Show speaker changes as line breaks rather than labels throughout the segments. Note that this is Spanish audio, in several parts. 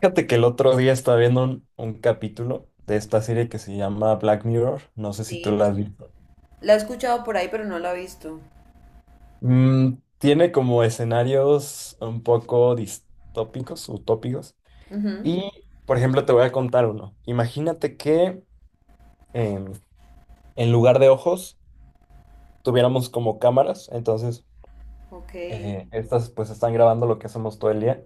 Fíjate que el otro día estaba viendo un capítulo de esta serie que se llama Black Mirror. No sé si tú la
Sí,
has visto.
la he escuchado por ahí, pero no la he visto.
Mm, Tiene como escenarios un poco distópicos, utópicos.
Ujú.
Y, por ejemplo, te voy a contar uno. Imagínate que em, en lugar de ojos tuviéramos como cámaras. Entonces,
Ok,
estas pues están grabando lo que hacemos todo el día.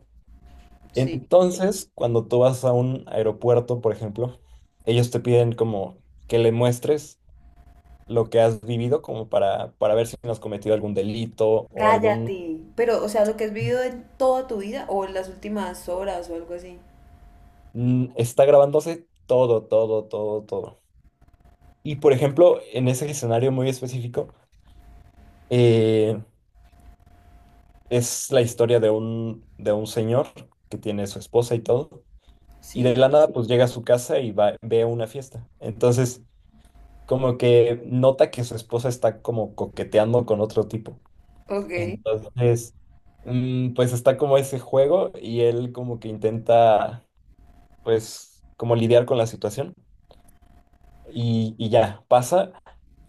sí.
Entonces, cuando tú vas a un aeropuerto, por ejemplo, ellos te piden como que le muestres lo que has vivido como para ver si no has cometido algún delito o algún.
Cállate. Pero, o sea, lo que has vivido en toda tu vida o en las últimas horas o algo así.
Mm. Está grabándose todo, todo, todo, todo. Y, por ejemplo, en ese escenario muy específico, eh, es la historia de un señor que tiene su esposa y todo, y
Sí,
de la nada pues llega a su casa y va, ve una fiesta. Entonces, como que nota que su esposa está como coqueteando con otro tipo.
ok.
Entonces, pues está como ese juego y él como que intenta pues, como lidiar con la situación. Y ya, pasa.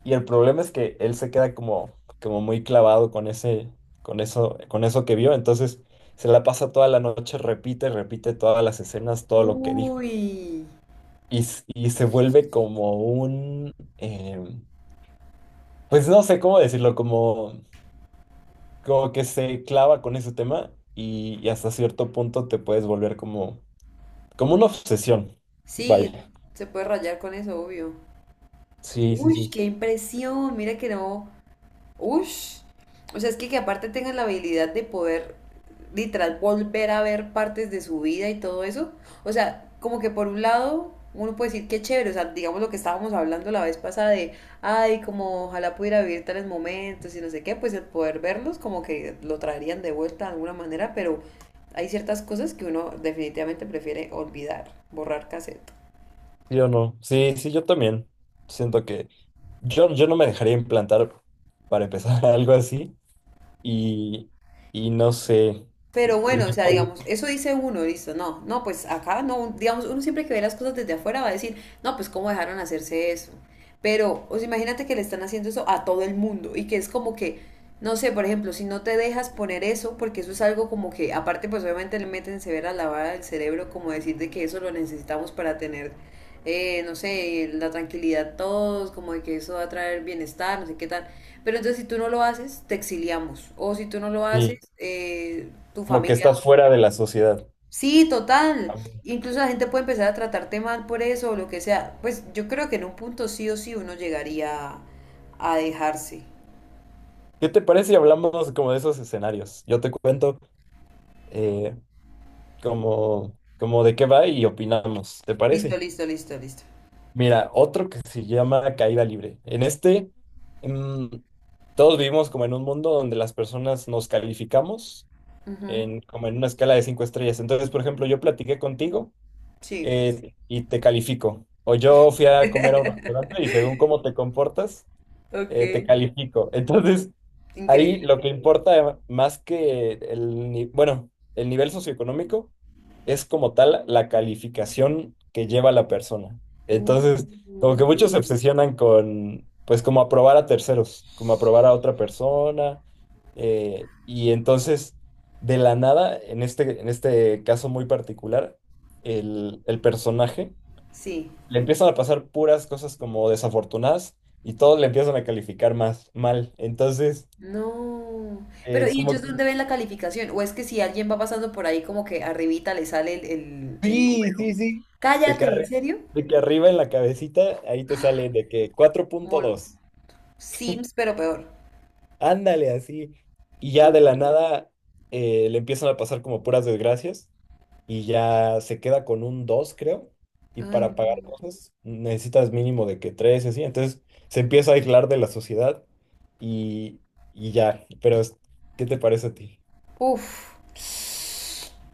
Y el problema es que él se queda como muy clavado con eso que vio. Entonces, se la pasa toda la noche, repite todas las escenas, todo lo que dijo.
Uy,
Y se vuelve como em, pues no sé cómo decirlo, como que se clava con ese tema y hasta cierto punto te puedes volver como una obsesión.
sí,
Vaya.
se puede rayar con eso, obvio.
Sí, sí,
Uy,
sí.
qué impresión. Mira que no. Ush. O sea, es que aparte tengan la habilidad de poder literal volver a ver partes de su vida y todo eso. O sea, como que por un lado uno puede decir que chévere, o sea, digamos lo que estábamos hablando la vez pasada de, ay, como ojalá pudiera vivir tales momentos y no sé qué, pues el poder verlos como que lo traerían de vuelta de alguna manera, pero hay ciertas cosas que uno definitivamente prefiere olvidar, borrar cassette.
Yo no. Sí, sí, yo también. Siento que yo no me dejaría implantar para empezar algo así. Y, y no sé.
Pero bueno, o sea, digamos, eso dice uno, listo, no, no, pues acá no, digamos, uno siempre que ve las cosas desde afuera va a decir, no, pues cómo dejaron hacerse eso. Pero, o sea, imagínate que le están haciendo eso a todo el mundo y que es como que, no sé, por ejemplo, si no te dejas poner eso, porque eso es algo como que, aparte, pues obviamente le meten severa lavada del cerebro, como decir de que eso lo necesitamos para tener, no sé, la tranquilidad todos, como de que eso va a traer bienestar, no sé qué tal. Pero entonces si tú no lo haces, te exiliamos. O si tú no lo haces,
Sí,
tu
como que
familia...
estás fuera de la sociedad.
Sí, total. Incluso la gente puede empezar a tratarte mal por eso o lo que sea. Pues yo creo que en un punto sí o sí uno llegaría a dejarse.
¿Qué te parece si hablamos como de esos escenarios? Yo te cuento eh, como de qué va y opinamos. ¿Te
Listo,
parece?
listo, listo, listo.
Mira, otro que se llama Caída Libre. En este, mm, todos vivimos como en un mundo donde las personas nos calificamos
Ujú.
como en una escala de 5 estrellas. Entonces, por ejemplo, yo platiqué contigo
Sí.
y te califico. O yo fui a comer a un restaurante y según cómo te comportas,
Ok.
te califico. Entonces, ahí lo
Increíble.
que importa más que el, ni- bueno, el nivel socioeconómico es como tal la calificación que lleva la persona.
Uy.
Entonces, como que muchos se obsesionan con, pues como aprobar a terceros, como aprobar a otra persona. Y entonces, de la nada, en este caso muy particular, el personaje
Sí.
le empiezan a pasar puras cosas como desafortunadas y todos le empiezan a calificar más mal. Entonces,
No. Pero, ¿y
como.
ellos dónde ven la calificación? ¿O es que si alguien va pasando por ahí como que arribita le sale el
Sí, sí,
número?
sí. De que,
Cállate, ¿en serio?
de que arriba en la cabecita, ahí te sale de que cuatro
Como
punto
el
dos.
Sims, pero peor.
Ándale, así. Y ya de la
Uy,
nada, le empiezan a pasar como puras desgracias y ya se queda con un dos, creo. Y
ay,
para
no.
pagar cosas necesitas mínimo de que tres, así. Entonces se empieza a aislar de la sociedad y, y ya. Pero, ¿qué te parece a ti?
Uf.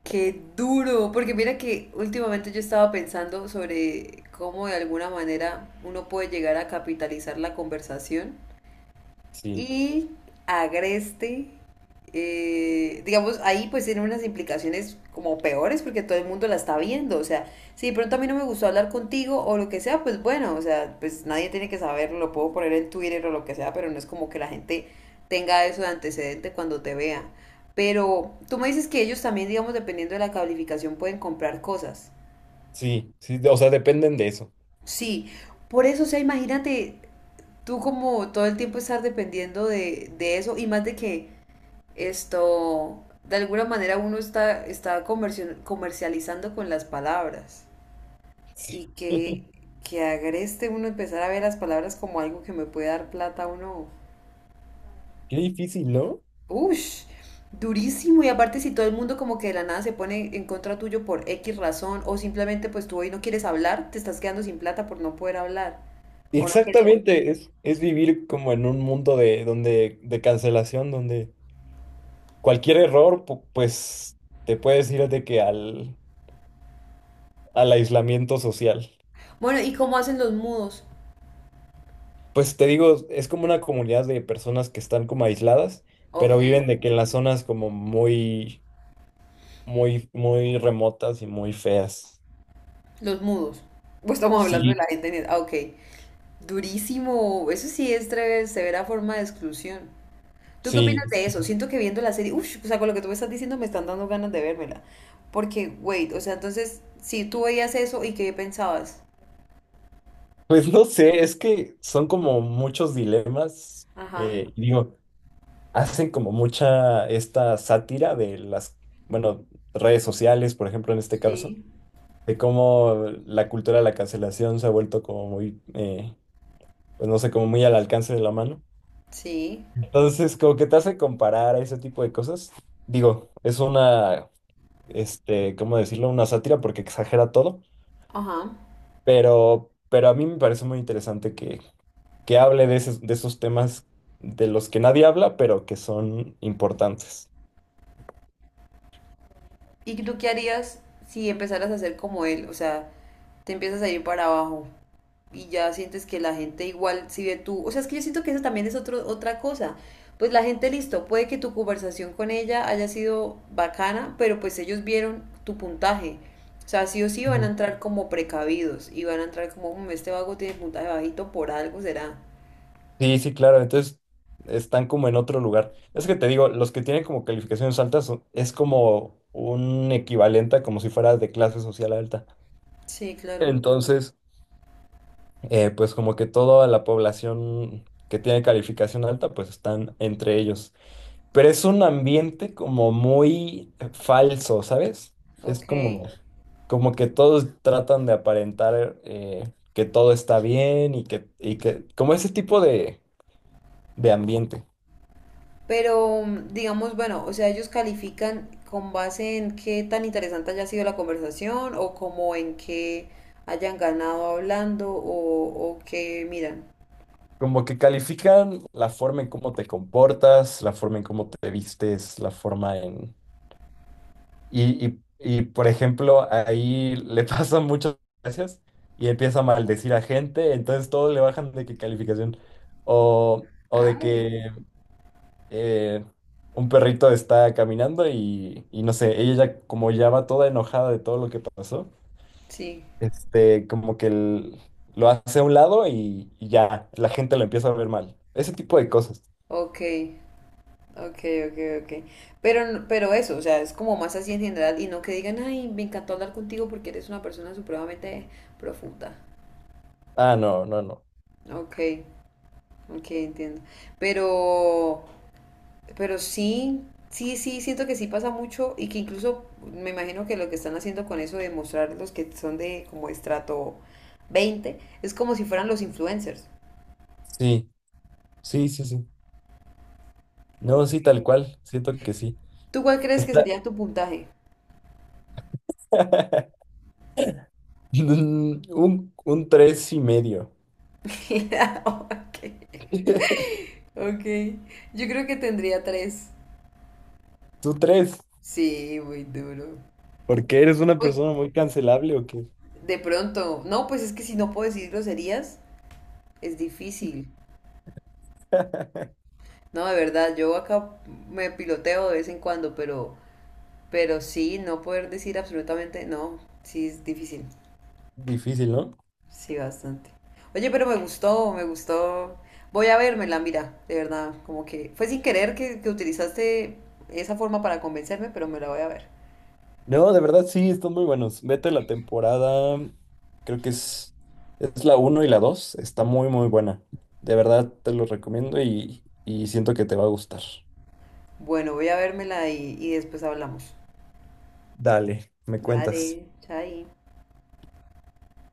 Qué duro, porque mira que últimamente yo estaba pensando sobre cómo de alguna manera uno puede llegar a capitalizar la conversación
Sí,
y agreste. Digamos, ahí pues tiene unas implicaciones como peores porque todo el mundo la está viendo. O sea, si de pronto a mí no me gustó hablar contigo o lo que sea, pues bueno, o sea, pues nadie tiene que saberlo, lo puedo poner en Twitter o lo que sea, pero no es como que la gente tenga eso de antecedente cuando te vea. Pero tú me dices que ellos también, digamos, dependiendo de la calificación, pueden comprar cosas.
sí, sí. O sea, dependen de eso.
Sí, por eso, o sea, imagínate tú como todo el tiempo estar dependiendo de eso y más de que esto, de alguna manera uno está comercializando con las palabras y que agreste uno empezar a ver las palabras como algo que me puede dar plata a uno.
Qué difícil, ¿no?
¡Ush! Durísimo. Y aparte si todo el mundo como que de la nada se pone en contra tuyo por X razón o simplemente pues tú hoy no quieres hablar, te estás quedando sin plata por no poder hablar o no querer.
Exactamente, es vivir como en un mundo donde de cancelación, donde cualquier error, pues te puedes ir de que al aislamiento social.
Bueno, ¿y cómo hacen los mudos?
Pues te digo, es como una comunidad de personas que están como aisladas,
Ok,
pero viven de que en las zonas como muy, muy, muy remotas y muy feas.
los mudos. Pues estamos hablando de
Sí,
la gente. En ah, ok. Durísimo, eso sí es severa forma de exclusión. ¿Tú qué
sí.
opinas de eso? Siento que viendo la serie, uff, o sea, con lo que tú me estás diciendo me están dando ganas de vérmela. Porque, wait, o sea, entonces, si tú veías eso y qué pensabas.
Pues no sé, es que son como muchos dilemas.
Ajá.
Digo. Hacen como mucha esta sátira de las, bueno, redes sociales, por ejemplo, en este caso,
Sí.
de cómo la cultura de la cancelación se ha vuelto como muy, pues no sé, como muy al alcance de la mano.
Sí.
Entonces, como que te hace comparar a ese tipo de cosas. Digo, es una, ¿cómo decirlo? Una sátira porque exagera todo,
Ajá.
pero a mí me parece muy interesante que hable de de esos temas de los que nadie habla, pero que son importantes.
¿Y tú qué harías si empezaras a ser como él? O sea, te empiezas a ir para abajo. Y ya sientes que la gente igual si ve tú, o sea, es que yo siento que eso también es otro, otra cosa. Pues la gente, listo, puede que tu conversación con ella haya sido bacana, pero pues ellos vieron tu puntaje. O sea, sí o sí van a entrar como precavidos y van a entrar como, "Mm, este vago tiene puntaje bajito por algo, será.
Sí, sí, claro. Entonces están como en otro lugar. Es que te digo, los que tienen como calificaciones altas es como un equivalente a como si fuera de clase social alta.
Sí, claro.
Entonces, pues como que toda la población que tiene calificación alta, pues están entre ellos. Pero es un ambiente como muy falso, ¿sabes? Es
Ok.
como que todos tratan de aparentar que todo está bien y que, como ese tipo de ambiente.
Pero digamos, bueno, o sea, ellos califican con base en qué tan interesante haya sido la conversación o como en qué hayan ganado hablando o qué miran.
Como que califican la forma en cómo te comportas, la forma en cómo te vistes, la forma en. Y, por ejemplo, ahí le pasan muchas gracias y empieza a maldecir a gente, entonces todos le bajan de que calificación. O de
Ay,
que eh, un perrito está caminando y no sé, como ya va toda enojada de todo lo que pasó,
sí,
como que lo hace a un lado y ya, la gente lo empieza a ver mal. Ese tipo de cosas.
ok, ok, ok, ok. Pero, pero eso, o sea, es como más así en general y no que digan, ay, me encantó hablar contigo porque eres una persona supremamente profunda.
Ah, no, no, no.
Ok, ok, entiendo. Pero... Pero sí, sí, sí, siento que sí pasa mucho y que incluso me imagino que lo que están haciendo con eso de mostrar los que son de como estrato 20 es como si fueran los influencers.
Sí, sí, sí, sí. No, sí, tal cual. Siento que sí.
¿Tú cuál crees que
Está
sería tu puntaje?
un 3.5.
Ok, ok. Yo creo que tendría tres.
Tú tres.
Sí, muy duro.
¿Porque eres una
Pues
persona muy cancelable o qué?
de pronto, no, pues es que si no puedo decir groserías, es difícil. No, de verdad, yo acá me piloteo de vez en cuando, pero sí, no poder decir absolutamente no, sí es difícil.
Difícil, ¿no?
Sí, bastante. Oye, pero me gustó, me gustó. Voy a vérmela, mira, de verdad, como que fue sin querer que utilizaste esa forma para convencerme, pero me la voy a ver.
No, de verdad sí, están muy buenos. Vete la temporada, creo que es la uno y la 2 está muy, muy buena. De verdad te lo recomiendo y siento que te va a gustar.
Bueno, voy a vérmela y después hablamos.
Dale, me cuentas.
Dale, chai.